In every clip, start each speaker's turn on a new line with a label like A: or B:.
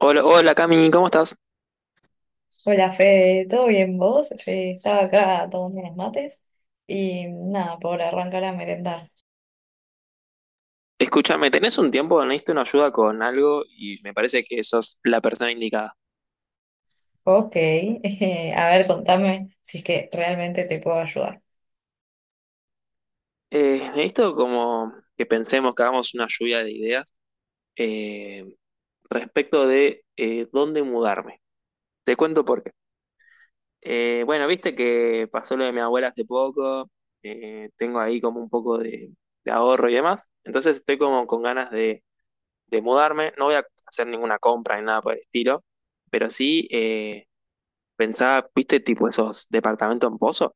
A: Hola, hola Cami, ¿cómo estás?
B: Hola Fede, ¿todo bien vos? Estaba acá tomando unos mates y nada, por arrancar a merendar.
A: Escúchame, ¿tenés un tiempo? Necesito una ayuda con algo y me parece que sos la persona indicada.
B: Ok, a ver, contame si es que realmente te puedo ayudar.
A: Necesito como que pensemos, que hagamos una lluvia de ideas eh, respecto de dónde mudarme. Te cuento por qué. Bueno, viste que pasó lo de mi abuela hace poco. Tengo ahí como un poco de ahorro y demás, entonces estoy como con ganas de mudarme. No voy a hacer ninguna compra ni nada por el estilo, pero sí... pensaba, viste, tipo esos departamentos en pozo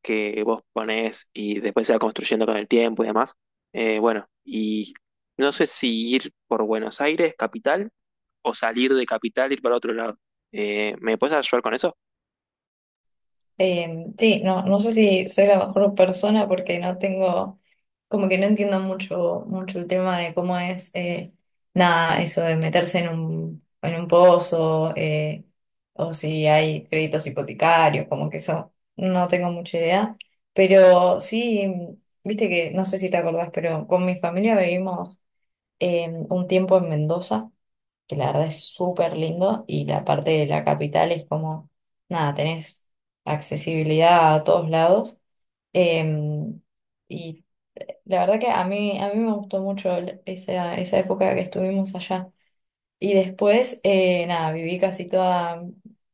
A: que vos ponés y después se va construyendo con el tiempo y demás. Bueno, y no sé si ir por Buenos Aires, capital, o salir de capital, ir para otro lado. ¿Me puedes ayudar con eso?
B: Sí, no, no sé si soy la mejor persona porque no tengo, como que no entiendo mucho, mucho el tema de cómo es, nada, eso de meterse en un pozo, o si hay créditos hipotecarios, como que eso, no tengo mucha idea. Pero sí, viste que, no sé si te acordás, pero con mi familia vivimos un tiempo en Mendoza, que la verdad es súper lindo, y la parte de la capital es como, nada, tenés accesibilidad a todos lados. Em, y la verdad que a mí me gustó mucho esa época que estuvimos allá. Y después, nada, viví casi toda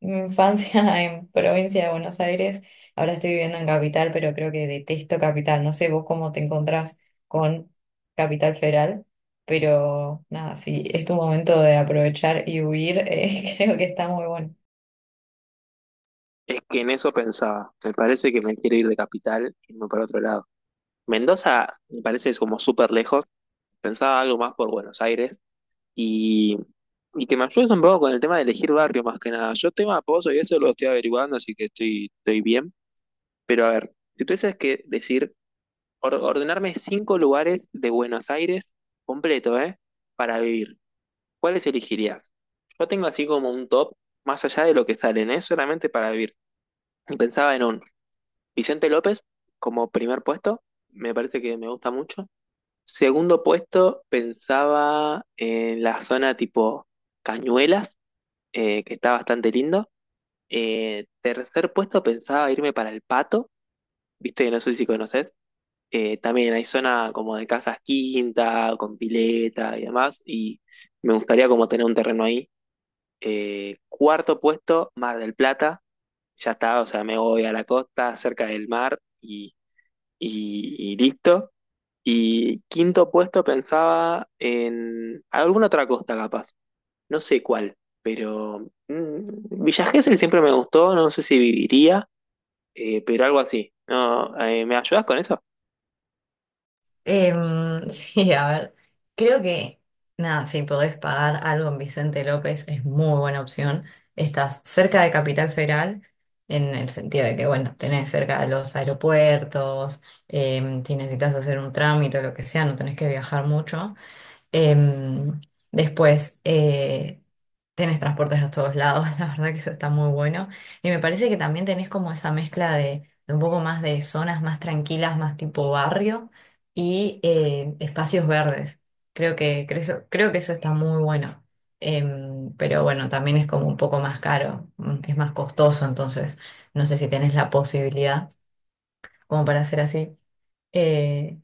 B: mi infancia en provincia de Buenos Aires. Ahora estoy viviendo en Capital, pero creo que detesto Capital. No sé vos cómo te encontrás con Capital Federal, pero nada, si es tu momento de aprovechar y huir, creo que está muy bueno.
A: Es que en eso pensaba. Me parece que me quiero ir de capital y irme para otro lado. Mendoza me parece como súper lejos. Pensaba algo más por Buenos Aires, Y, y que me ayudes un poco con el tema de elegir barrio más que nada. Yo tema Pozo y eso lo estoy averiguando, así que estoy, estoy bien. Pero a ver, si tuvieses que decir, ordenarme cinco lugares de Buenos Aires completo, ¿eh? Para vivir, ¿cuáles elegirías? Yo tengo así como un top, más allá de lo que salen, ¿eh? Solamente para vivir. Y pensaba en un Vicente López como primer puesto, me parece que me gusta mucho. Segundo puesto, pensaba en la zona tipo Cañuelas, que está bastante lindo. Tercer puesto, pensaba irme para el Pato, viste que no sé si conoces. También hay zona como de casas quinta, con pileta y demás, y me gustaría como tener un terreno ahí. Cuarto puesto, Mar del Plata, ya está, o sea, me voy a la costa, cerca del mar y listo. Y quinto puesto, pensaba en alguna otra costa, capaz no sé cuál, pero mm, Villa Gesell siempre me gustó, no sé si viviría, pero algo así. No, ¿me ayudas con eso?
B: Sí, a ver, creo que nada, si podés pagar algo en Vicente López, es muy buena opción. Estás cerca de Capital Federal, en el sentido de que, bueno, tenés cerca los aeropuertos, si necesitas hacer un trámite o lo que sea, no tenés que viajar mucho. Em, Después, tenés transportes a todos lados, la verdad que eso está muy bueno. Y me parece que también tenés como esa mezcla de un poco más de zonas más tranquilas, más tipo barrio, y espacios verdes. Creo que, creo, creo que eso está muy bueno. Pero bueno, también es como un poco más caro, mm, es más costoso, entonces no sé si tenés la posibilidad como para hacer así. Eh,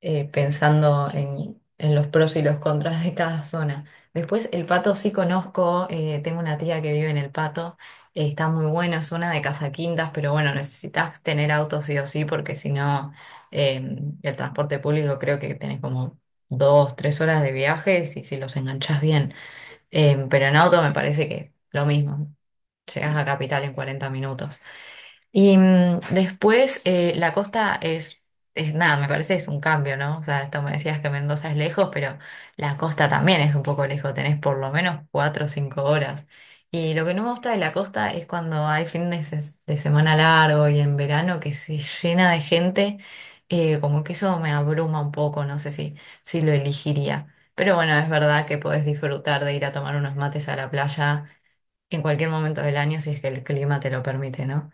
B: Pensando en los pros y los contras de cada zona. Después, el Pato sí conozco, tengo una tía que vive en el Pato, está muy buena, zona de Casaquintas, pero bueno, necesitas tener auto sí o sí, porque si no, eh, el transporte público creo que tenés como dos, tres horas de viaje si, si los enganchás bien. Pero en auto me parece que lo mismo, llegás a Capital en 40 minutos. Y mm, después la costa es nada, me parece es un cambio, ¿no? O sea, esto me decías que Mendoza es lejos, pero la costa también es un poco lejos, tenés por lo menos cuatro o cinco horas. Y lo que no me gusta de la costa es cuando hay fines de semana largo y en verano, que se llena de gente, como que eso me abruma un poco, no sé si, si lo elegiría. Pero bueno, es verdad que podés disfrutar de ir a tomar unos mates a la playa en cualquier momento del año, si es que el clima te lo permite, ¿no?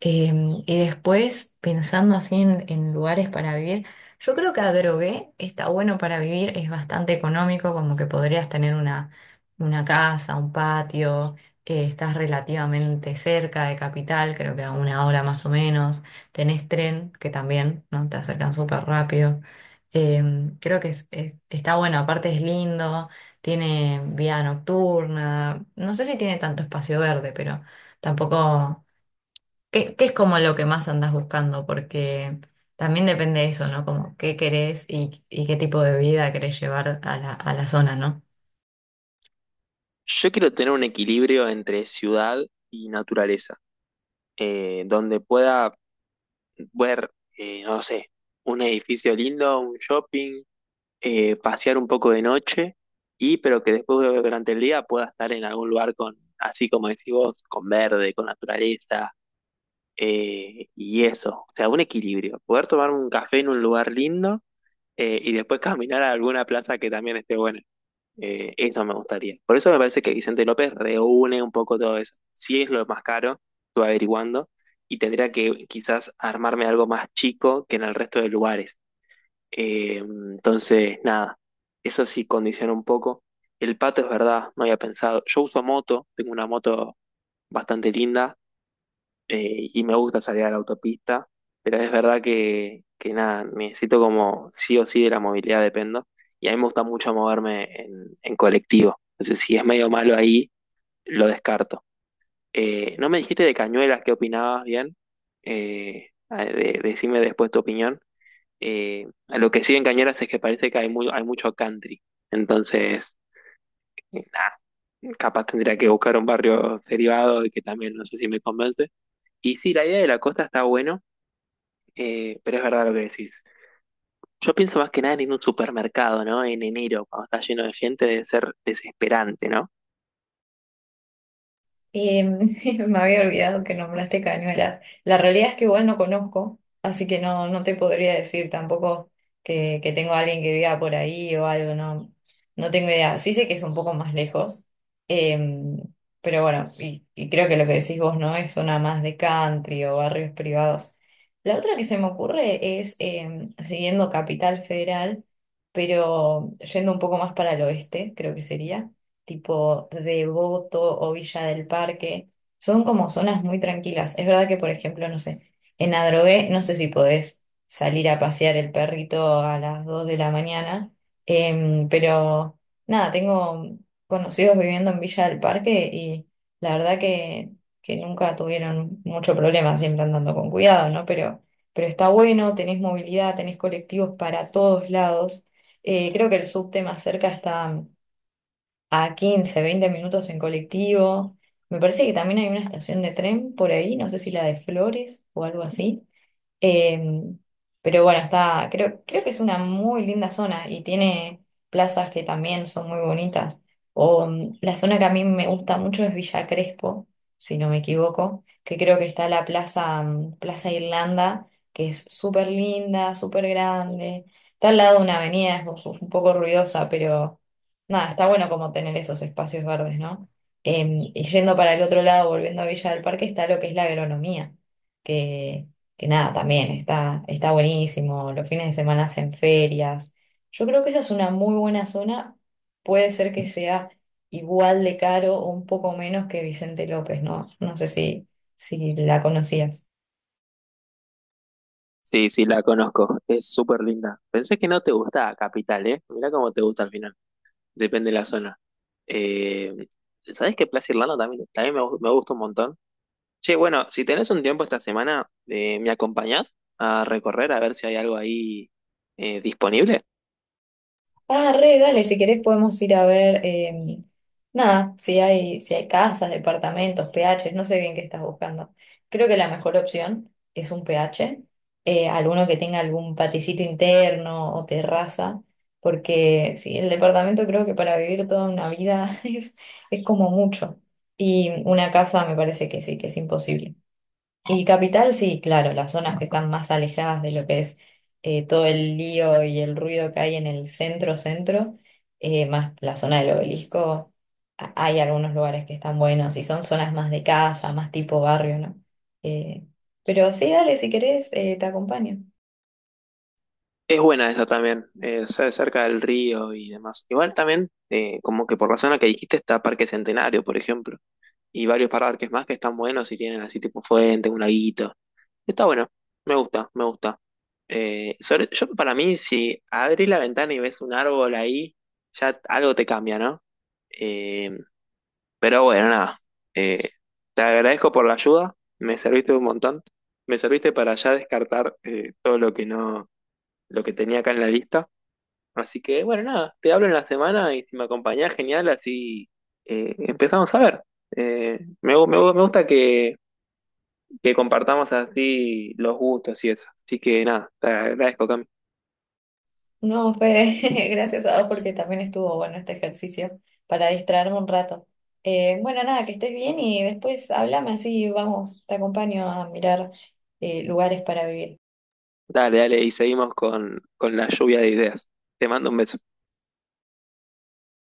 B: Y después, pensando así en lugares para vivir, yo creo que Adrogué está bueno para vivir, es bastante económico, como que podrías tener una casa, un patio, estás relativamente cerca de Capital, creo que a una hora más o menos, tenés tren, que también, ¿no? Te acercan súper rápido. Creo que está bueno, aparte es lindo, tiene vida nocturna, no sé si tiene tanto espacio verde, pero tampoco... ¿Qué, qué es como lo que más andas buscando? Porque también depende de eso, ¿no? Como qué querés y qué tipo de vida querés llevar a la zona, ¿no?
A: Yo quiero tener un equilibrio entre ciudad y naturaleza, donde pueda ver, no sé, un edificio lindo, un shopping, pasear un poco de noche, y pero que después durante el día pueda estar en algún lugar con, así como decís vos, con verde, con naturaleza. Y eso, o sea, un equilibrio. Poder tomarme un café en un lugar lindo y después caminar a alguna plaza que también esté buena. Eso me gustaría. Por eso me parece que Vicente López reúne un poco todo eso. Si es lo más caro, estuve averiguando, y tendría que quizás armarme algo más chico que en el resto de lugares. Entonces, nada, eso sí condiciona un poco. El pato es verdad, no había pensado. Yo uso moto, tengo una moto bastante linda, y me gusta salir a la autopista, pero es verdad que nada, necesito como sí o sí de la movilidad dependo, y a mí me gusta mucho moverme en colectivo, entonces si es medio malo ahí, lo descarto. No me dijiste de Cañuelas qué opinabas bien, decime después tu opinión. A lo que sí en Cañuelas es que parece que hay, muy, hay mucho country, entonces... nada, capaz tendría que buscar un barrio derivado y que también no sé si me convence. Y sí, la idea de la costa está buena, pero es verdad lo que decís. Yo pienso más que nada en un supermercado, ¿no? En enero, cuando está lleno de gente, debe ser desesperante, ¿no?
B: Eh, me había olvidado que nombraste Cañuelas. La realidad es que igual no conozco, así que no, no te podría decir tampoco que, que tengo a alguien que viva por ahí o algo, no, no tengo idea. Sí sé que es un poco más lejos, em, pero bueno, y creo que lo que decís vos, no es zona más de country o barrios privados. La otra que se me ocurre es siguiendo Capital Federal, pero yendo un poco más para el oeste, creo que sería tipo Devoto o Villa del Parque. Son como zonas muy tranquilas. Es verdad que, por ejemplo, no sé, en Adrogué, no sé si podés salir a pasear el perrito a las 2 de la mañana, pero nada, tengo conocidos viviendo en Villa del Parque, y la verdad que nunca tuvieron mucho problema, siempre andando con cuidado, ¿no? Pero está bueno, tenés movilidad, tenés colectivos para todos lados. Creo que el subte más cerca está a 15 20 minutos en colectivo. Me parece que también hay una estación de tren por ahí, no sé si la de Flores o algo así. Em, pero bueno, está, creo, creo que es una muy linda zona, y tiene plazas que también son muy bonitas. O, mm, la zona que a mí me gusta mucho es Villa Crespo, si no me equivoco, que creo que está la plaza, mm, Plaza Irlanda, que es súper linda, súper grande. Está al lado de una avenida, es un poco ruidosa, pero nada, está bueno como tener esos espacios verdes, ¿no? Y yendo para el otro lado, volviendo a Villa del Parque, está lo que es la agronomía, que que nada, también está, está buenísimo. Los fines de semana hacen ferias. Yo creo que esa es una muy buena zona. Puede ser que sea igual de caro o un poco menos que Vicente López, ¿no? No sé si, si la conocías.
A: Sí, sí, la conozco. Es súper linda. Pensé que no te gustaba Capital, ¿eh? Mirá cómo te gusta al final. Depende de la zona. Eh, ¿Sabés que Plaza Irlanda también, también me gusta un montón? Che, bueno, si tenés un tiempo esta semana, ¿me acompañás a recorrer a ver si hay algo ahí disponible?
B: Ah, re, dale, si querés podemos ir a ver, nada, si hay, si hay casas, departamentos, PHs, no sé bien qué estás buscando. Creo que la mejor opción es un PH, alguno que tenga algún paticito interno o terraza, porque sí, el departamento creo que para vivir toda una vida es como mucho. Y una casa me parece que sí, que es imposible. Y capital, sí, claro, las zonas que están más alejadas de lo que es todo el lío y el ruido que hay en el centro, centro, más la zona del obelisco, hay algunos lugares que están buenos y son zonas más de casa, más tipo barrio, ¿no? Eh, pero sí, dale, si querés, te acompaño.
A: Es buena esa también, cerca del río y demás. Igual también, como que por la zona que dijiste está Parque Centenario, por ejemplo, y varios parques más que están buenos y tienen así tipo fuente, un laguito. Está bueno, me gusta, me gusta. Yo para mí, si abrís la ventana y ves un árbol ahí, ya algo te cambia, ¿no? Eh, pero bueno, nada. Eh, Te agradezco por la ayuda, me serviste un montón, me serviste para ya descartar, todo lo que no, lo que tenía acá en la lista. Así que, bueno, nada, te hablo en la semana y si me acompañás, genial, así empezamos a ver. Me gusta que compartamos así los gustos y eso. Así que nada, te agradezco, Cami.
B: No, Fede, gracias a vos porque también estuvo bueno este ejercicio para distraerme un rato. Bueno, nada, que estés bien, y después hablame así, vamos, te acompaño a mirar lugares para vivir.
A: Dale, dale, y seguimos con la lluvia de ideas. Te mando un beso.